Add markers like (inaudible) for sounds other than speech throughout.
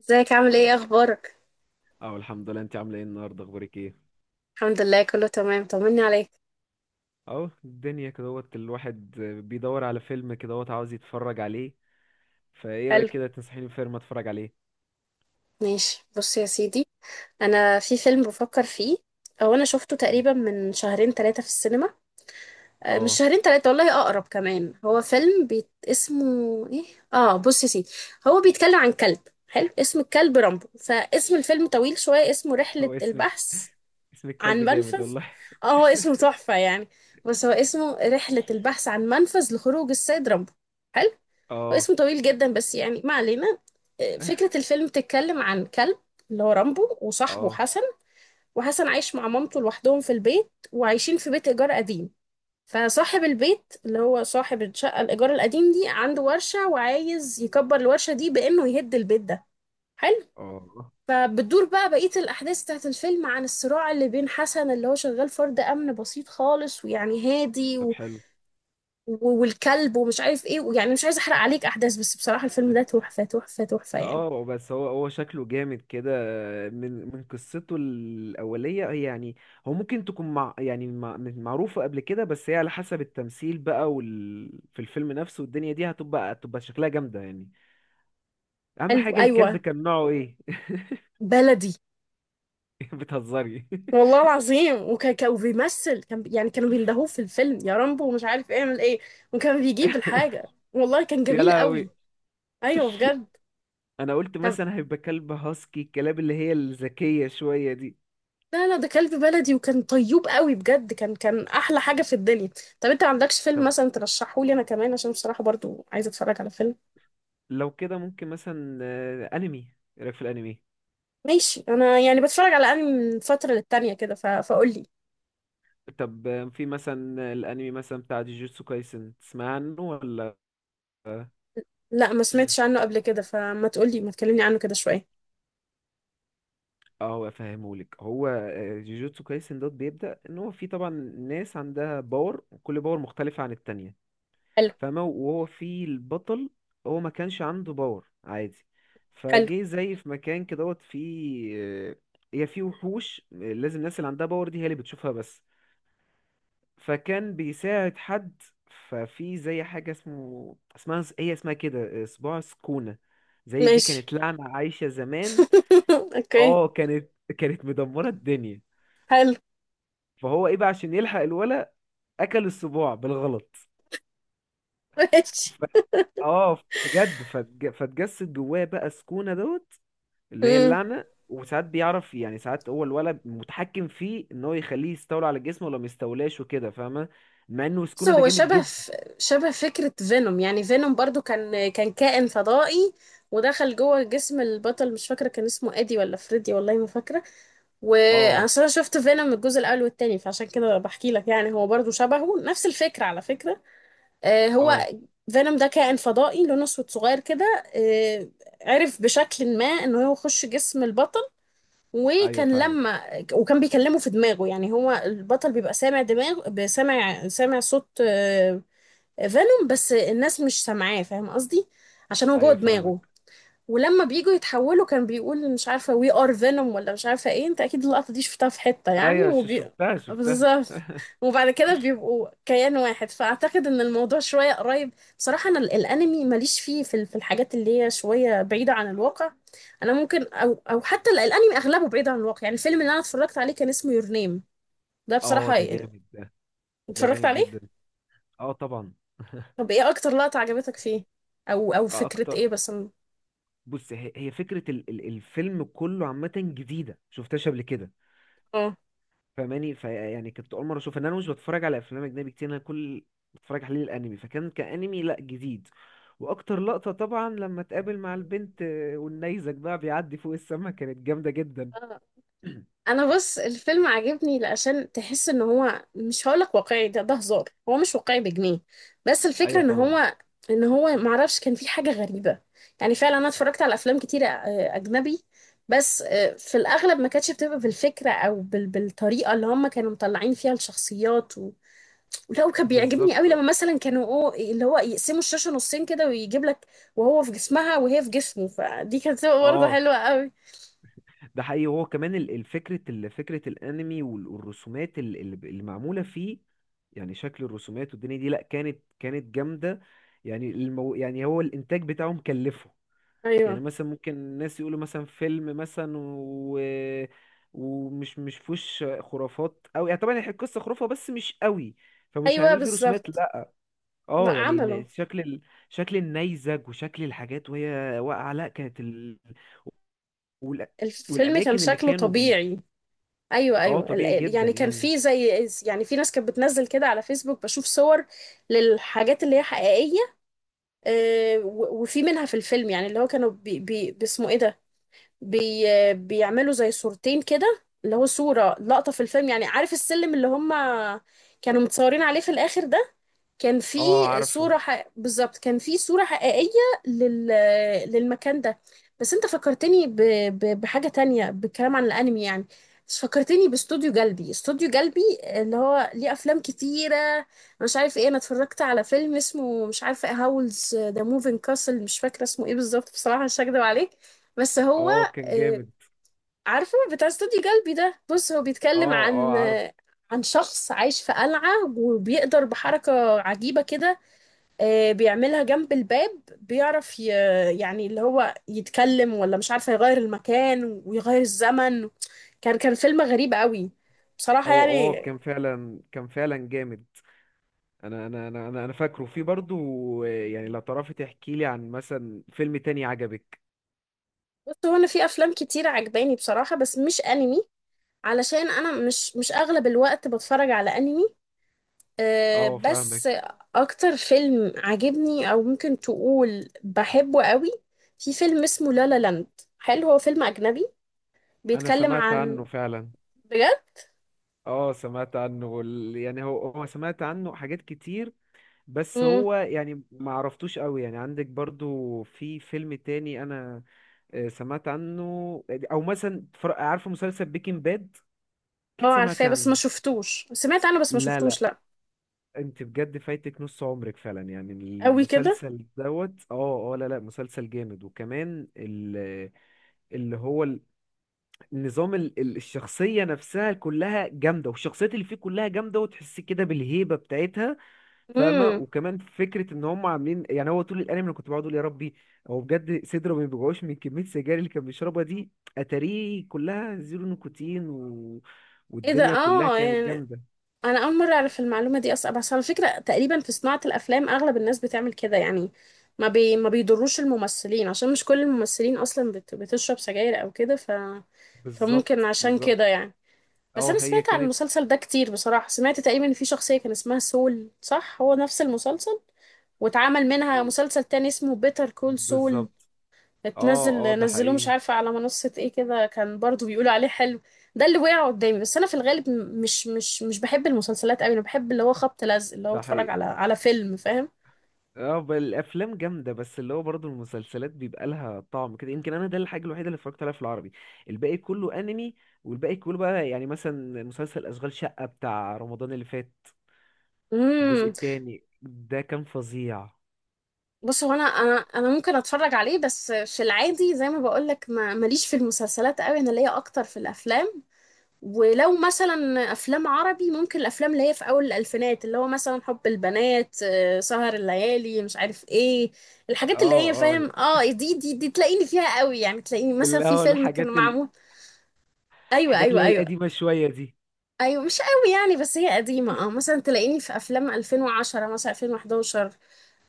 ازيك؟ عامل ايه؟ اخبارك؟ اه، الحمد لله. انت عامله ايه النهارده؟ اخبارك ايه؟ الحمد لله، كله تمام. طمني عليك. اهو الدنيا كدهوت الواحد بيدور على فيلم كدهوت عاوز يتفرج عليه. فايه حلو، رايك كده تنصحيني بفيلم اتفرج عليه؟ ماشي بص يا سيدي. انا في فيلم بفكر فيه او انا شفته (laughs) مم. تقريبا من شهرين ثلاثة في السينما. مش اه، شهرين ثلاثة، والله اقرب كمان. هو فيلم اسمه ايه؟ اه، بص يا سيدي، هو بيتكلم عن كلب حلو. اسم الكلب رامبو، فاسم الفيلم طويل شوية. اسمه رحلة هو اسمك البحث اسمك كلب عن جامد منفذ. والله. اه، هو اسمه تحفة يعني. بس هو اسمه رحلة البحث عن منفذ لخروج السيد رامبو. حلو، اه. واسمه طويل جدا، بس يعني ما علينا. فكرة (laughs) الفيلم تتكلم عن كلب، اللي هو رامبو، وصاحبه اه، حسن. وحسن عايش مع مامته لوحدهم في البيت، وعايشين في بيت إيجار قديم. فصاحب البيت، اللي هو صاحب الشقة الإيجار القديم دي، عنده ورشة، وعايز يكبر الورشة دي بإنه يهد البيت ده. حلو. اه، فبتدور بقى بقية الأحداث بتاعت الفيلم عن الصراع اللي بين حسن، اللي هو شغال فرد أمن بسيط خالص ويعني هادي، طب حلو. والكلب، ومش عارف ايه. يعني مش عايزه احرق عليك احداث، بس بصراحه الفيلم ده تحفه تحفه تحفه يعني. اه، بس هو شكله جامد كده، من قصته الأولية، هي يعني هو ممكن تكون مع، يعني مع معروفة قبل كده، بس هي على حسب التمثيل بقى وال في الفيلم نفسه، والدنيا دي هتبقى شكلها جامدة يعني. اهم حاجه الكلب ايوه، كان نوعه ايه؟ بلدي، (laughs) بتهزري؟ والله العظيم. وكان بيمثل، يعني كانوا بيندهوه في الفيلم، يا رامبو ومش عارف اعمل ايه، وكان بيجيب الحاجه. والله كان (laughs) يا جميل لهوي. قوي. ايوه بجد. انا قلت طب مثلا هيبقى كلب هاسكي، الكلاب اللي هي الذكيه شويه دي. لا لا، ده كلب بلدي، وكان طيوب قوي بجد. كان احلى حاجه في الدنيا. طب انت ما عندكش فيلم طب مثلا ترشحه لي انا كمان؟ عشان بصراحه برضو عايزه اتفرج على فيلم. لو كده ممكن مثلا انمي. ايه رايك في الانمي؟ ماشي، انا يعني بتفرج على انمي من فتره للتانيه كده فقول لي. طب، في مثلا الانمي مثلا بتاع جوجوتسو كايسن، تسمع عنه ولا؟ اه. لا، ما سمعتش عنه قبل كده، فما تقولي، ما تكلمني عنه كده شوية. هو افهمهولك، هو جوجوتسو كايسن دوت بيبدأ ان هو في طبعا ناس عندها باور، وكل باور مختلفه عن التانية. حلو، فاهمة؟ وهو في البطل، هو ما كانش عنده باور عادي، حلو فجه زي في مكان كده دوت فيه. هي فيه وحوش، لازم الناس اللي عندها باور دي هي اللي بتشوفها بس. فكان بيساعد حد. ففي زي حاجة اسمها كده صباع سكونة. زي دي ماشي. كانت لعنة عايشة زمان. (laughs) اوكي، اه، كانت مدمرة الدنيا. حلو فهو ايه بقى عشان يلحق الولا، اكل الصباع بالغلط. ماشي. ف... اه بجد، فتجسد جواه بقى سكونة دوت، اللي هي امم. اللعنة. وساعات بيعرف يعني، ساعات هو الولد متحكم فيه ان هو يخليه يستولى على جسمه ولا ما يستولاش وكده، فاهمة؟ مع انه بص، سكونة ده هو جامد جدا. شبه فكرة فينوم. يعني فينوم برضو كان كائن فضائي، ودخل جوه جسم البطل. مش فاكرة كان اسمه ادي ولا فريدي، والله ما فاكرة. اه. واصل انا شفت فينوم الجزء الاول والتاني، فعشان كده بحكي لك يعني هو برضو شبهه، نفس الفكرة على فكرة. آه، هو اه، فينوم ده كائن فضائي لونه اسود صغير كده. عرف بشكل ما انه هو يخش جسم البطل. ايوه وكان فاهمك. لما وكان بيكلمه في دماغه. يعني هو البطل بيبقى سامع صوت فينوم، بس الناس مش سامعاه، فاهم قصدي؟ عشان هو جوه ايوه دماغه. فاهمك. ولما بييجوا يتحولوا كان بيقول مش عارفة we are venom ولا مش عارفة ايه. انت اكيد اللقطة دي شفتها في حتة يعني ايوه، شفتها. بالظبط. وبعد كده بيبقوا كيان واحد. فاعتقد ان الموضوع شوية قريب. بصراحة انا الانمي ماليش فيه، في في الحاجات اللي هي شوية بعيدة عن الواقع. انا ممكن، او حتى الانمي اغلبه بعيد عن الواقع يعني. الفيلم اللي انا اتفرجت عليه كان اسمه يور نيم. ده اه بصراحة ده جامد. ده ده اتفرجت جامد عليه. جدا. اه طبعا. طب ايه اكتر لقطة عجبتك فيه، او آه فكرة اكتر. ايه بس؟ بص، هي فكرة ال الفيلم كله عامة، جديدة شفتهاش قبل كده. اه، فماني فيعني كنت اول مره اشوف ان انا مش بتفرج على افلام اجنبي كتير، انا كل بتفرج عليه الانمي، فكان كانمي لا جديد. واكتر لقطه طبعا لما اتقابل مع البنت والنيزك بقى بيعدي فوق السما، كانت جامده جدا. (clears throat) انا بص الفيلم عجبني لأشان تحس ان هو مش هقولك واقعي، ده هزار، هو مش واقعي بجنيه، بس الفكرة ايوه ان طبعا. هو، معرفش كان في حاجة غريبة. يعني فعلا انا اتفرجت على افلام كتيرة اجنبي، بس في الاغلب ما كانتش بتبقى بالفكرة او بالطريقة اللي هم كانوا مطلعين فيها الشخصيات ولا. وكان بيعجبني بالظبط. قوي لما مثلا كانوا، أو اللي هو، يقسموا الشاشة نصين كده ويجيب لك وهو في جسمها وهي في جسمه، فدي كانت برضه اه حلوة قوي. ده حقيقي. هو كمان الفكرة، فكرة الانمي والرسومات اللي معمولة فيه. يعني شكل الرسومات والدنيا دي، لا، كانت جامدة. يعني يعني هو الانتاج بتاعه مكلفه. يعني ايوه، مثلا ممكن الناس يقولوا مثلا فيلم مثلا ومش مش فيهوش خرافات قوي يعني، طبعا هي القصه خرافه بس مش قوي، فمش ايوه هيعملوا فيه رسومات، بالظبط. لا. لا اه يعني إن عمله، شكل النيزك وشكل الحاجات وهي واقعه، لا كانت وال... الفيلم كان والاماكن اللي شكله كانوا بيه. طبيعي. ايوه، اه ايوه، طبيعي جدا يعني كان يعني. في زي، يعني في ناس كانت بتنزل كده على فيسبوك، بشوف صور للحاجات اللي هي حقيقيه. وفي منها في الفيلم، يعني اللي هو كانوا بي باسمه ايه ده، بي آه، بيعملوا زي صورتين كده، اللي هو صوره لقطه في الفيلم. يعني عارف السلم اللي هم كانوا متصورين عليه في الاخر ده، كان في اه عارفه. بالظبط، كان في صورة حقيقية لل... للمكان ده. بس انت فكرتني بحاجة تانية، بالكلام عن الانمي يعني. بس فكرتني باستوديو جلبي، استوديو جلبي اللي هو ليه افلام كتيرة. أنا مش عارف ايه، انا اتفرجت على فيلم اسمه مش عارفة، هاولز ذا موفينج كاسل، مش فاكرة اسمه ايه بالظبط بصراحة، مش هكدب عليك. بس هو اه كان آه، جامد. عارفة بتاع استوديو جلبي ده. بص، هو اه، بيتكلم اه عارفه. عن شخص عايش في قلعة، وبيقدر بحركة عجيبة كده، بيعملها جنب الباب، بيعرف يعني اللي هو يتكلم، ولا مش عارفة، يغير المكان ويغير الزمن. كان فيلم غريب قوي بصراحة هو، اه يعني. كان فعلا جامد. انا فاكره في برضو، يعني لو تعرفي تحكي لي عن مثلا فيلم تاني عجبك. بص، هو أنا في أفلام كتير عجباني بصراحة، بس مش أنمي. علشان أنا مش أغلب الوقت بتفرج على أنمي. أه اه بس، فاهمك. اكتر فيلم عجبني، او ممكن تقول بحبه قوي، في فيلم اسمه لا لا لاند. حلو، هو فيلم اجنبي، انا بيتكلم سمعت عن. عنه فعلا. بجد. اه سمعت عنه يعني هو سمعت عنه حاجات كتير، بس امم. هو يعني ما عرفتوش قوي يعني. عندك برضو في فيلم تاني انا سمعت عنه؟ او مثلا عارفه مسلسل بيكنج باد، اه اكيد سمعتي عارفاه، بس ما عنه. شفتوش. سمعت عنه، بس ما لا، شفتوش لا، لا. انت بجد فايتك نص عمرك فعلا يعني، قوي كده. المسلسل دوت، اه، اه، لا، لا، مسلسل جامد. وكمان اللي هو ال- النظام الشخصية نفسها كلها جامدة، والشخصيات اللي فيه كلها جامدة، وتحس كده بالهيبة بتاعتها. فاهمة؟ امم. وكمان فكرة ان هم عاملين يعني، هو طول الانمي انا كنت بقعد اقول يا ربي، هو بجد صدره ما بيوجعوش من كمية السجاير اللي كان بيشربها دي، اتاريه كلها زيرو نيكوتين. ايه ده؟ والدنيا كلها اه كانت يعني، جامدة. انا اول مره اعرف المعلومه دي اصلا. بس على فكره، تقريبا في صناعه الافلام اغلب الناس بتعمل كده يعني، ما بيضروش الممثلين، عشان مش كل الممثلين اصلا بتشرب سجاير او كده، فممكن بالظبط، عشان كده بالظبط. يعني. بس اه انا هي سمعت عن كانت. المسلسل ده كتير بصراحه. سمعت تقريبا ان في شخصيه كان اسمها سول، صح؟ هو نفس المسلسل، واتعمل منها مسلسل تاني اسمه بيتر كول سول، بالظبط. اه، اتنزل، اه ده نزلوه مش حقيقي. عارفة على منصة ايه كده، كان برضو بيقولوا عليه حلو. ده اللي وقع قدامي. بس انا في الغالب مش بحب المسلسلات قوي. انا بحب اللي هو خبط لزق، اللي هو ده اتفرج حقيقي. على فيلم، فاهم؟ اه، الافلام جامده، بس اللي هو برضه المسلسلات بيبقى لها طعم كده، يمكن انا ده الحاجه الوحيده اللي اتفرجت عليها في العربي، الباقي كله انمي. والباقي كله بقى يعني مثلا مسلسل اشغال شقه بتاع رمضان اللي فات، الجزء امم. التاني ده كان فظيع. بص، هو انا ممكن اتفرج عليه، بس في العادي زي ما بقول لك ما ماليش في المسلسلات قوي. انا ليا اكتر في الافلام. ولو مثلا افلام عربي، ممكن الافلام اللي هي في اول الالفينات، اللي هو مثلا حب البنات، سهر الليالي، مش عارف ايه، اه، الحاجات اللي هي، اه، فاهم؟ اه، دي تلاقيني فيها قوي يعني. تلاقيني مثلا اللي في هو فيلم كان الحاجات معمول، ايوه الحاجات ايوه اللي هي ايوه، القديمه شويه دي. ايوه مش قوي يعني، بس هي قديمه. اه، مثلا تلاقيني في افلام 2010، مثلا 2011.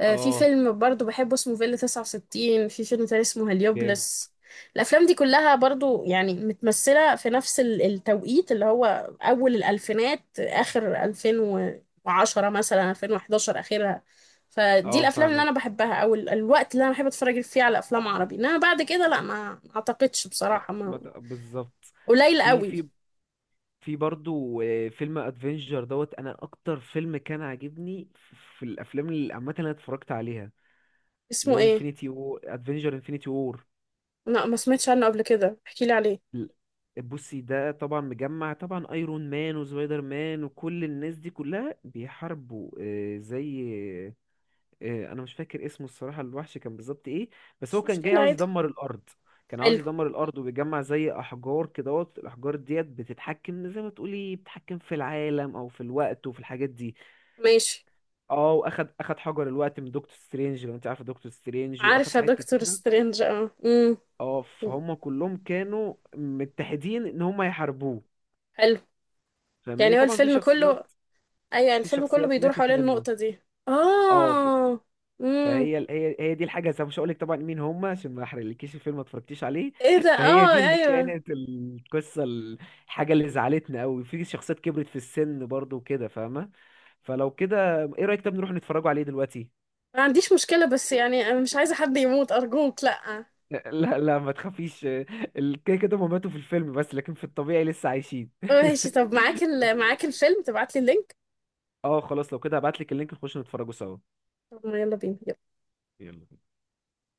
في اه فيلم برضو بحبه اسمه فيلا 69، في فيلم تاني اسمه جامد. هليوبلس. الأفلام دي كلها برضو يعني متمثلة في نفس التوقيت اللي هو أول الألفينات، آخر 2010، مثلا 2011 آخرها. فدي اه الأفلام اللي أنا فاهمك. بحبها، أو الوقت اللي أنا بحب أتفرج فيه على أفلام عربي. إنما بعد كده لا، ما أعتقدش ما... بصراحة ما... ما ت- بالظبط. قليل في قوي. في في برضو، فيلم ادفنجر دوت. انا اكتر فيلم كان عاجبني في الافلام اللي عامه اللي انا اتفرجت عليها، اللي اسمه هو إيه؟ انفينيتي و ادفنجر انفينيتي وور. لا، ما سمعتش عنه قبل كده، احكيلي عليه. بصي، ده طبعا مجمع طبعا، ايرون مان وسبايدر مان وكل الناس دي كلها بيحاربوا زي، انا مش فاكر اسمه الصراحة، الوحش كان بالظبط ايه. بس هو مش كان جاي مشكلة، عاوز عادي. يدمر الارض، كان عاوز حلو، يدمر الارض، وبيجمع زي احجار كدهوت، الاحجار ديت بتتحكم، زي ما تقولي بتتحكم في العالم او في الوقت وفي الحاجات دي. ماشي. اه، واخد حجر الوقت من دكتور سترينج، لو انت عارف دكتور سترينج، واخد عارفة حاجات دكتور كتيره. سترينج، اه. اه، فهم كلهم كانوا متحدين ان هم يحاربوه. حلو، فاهماني؟ يعني هو طبعا في الفيلم شخصيات، كله. ايوه، يعني في الفيلم كله شخصيات بيدور ماتت حوالين منه. النقطة دي. اه، اه. امم. فهي هي هي دي الحاجه، زي، مش هقول لك طبعا مين هم، عشان ما احرقلكيش الفيلم ما اتفرجتيش عليه. ايه ده؟ (laughs) فهي اه، دي اللي ايوه. كانت القصه، الحاجه اللي زعلتنا قوي في شخصيات كبرت في السن برضو وكده، فاهمه؟ فلو كده، ايه رايك؟ طب نروح نتفرجوا عليه دلوقتي. ما عنديش مشكلة، بس يعني انا مش عايزة حد يموت ارجوك، لا. لا، لا، ما تخافيش. كده كده هما ماتوا في الفيلم بس، لكن في الطبيعي لسه عايشين. ماشي، طب (laughs) معاك معاك الفيلم؟ تبعت لي اللينك. اه خلاص، لو كده هبعتلك اللينك نخش نتفرجوا سوا. طب ما يلا بينا، يلا. يلا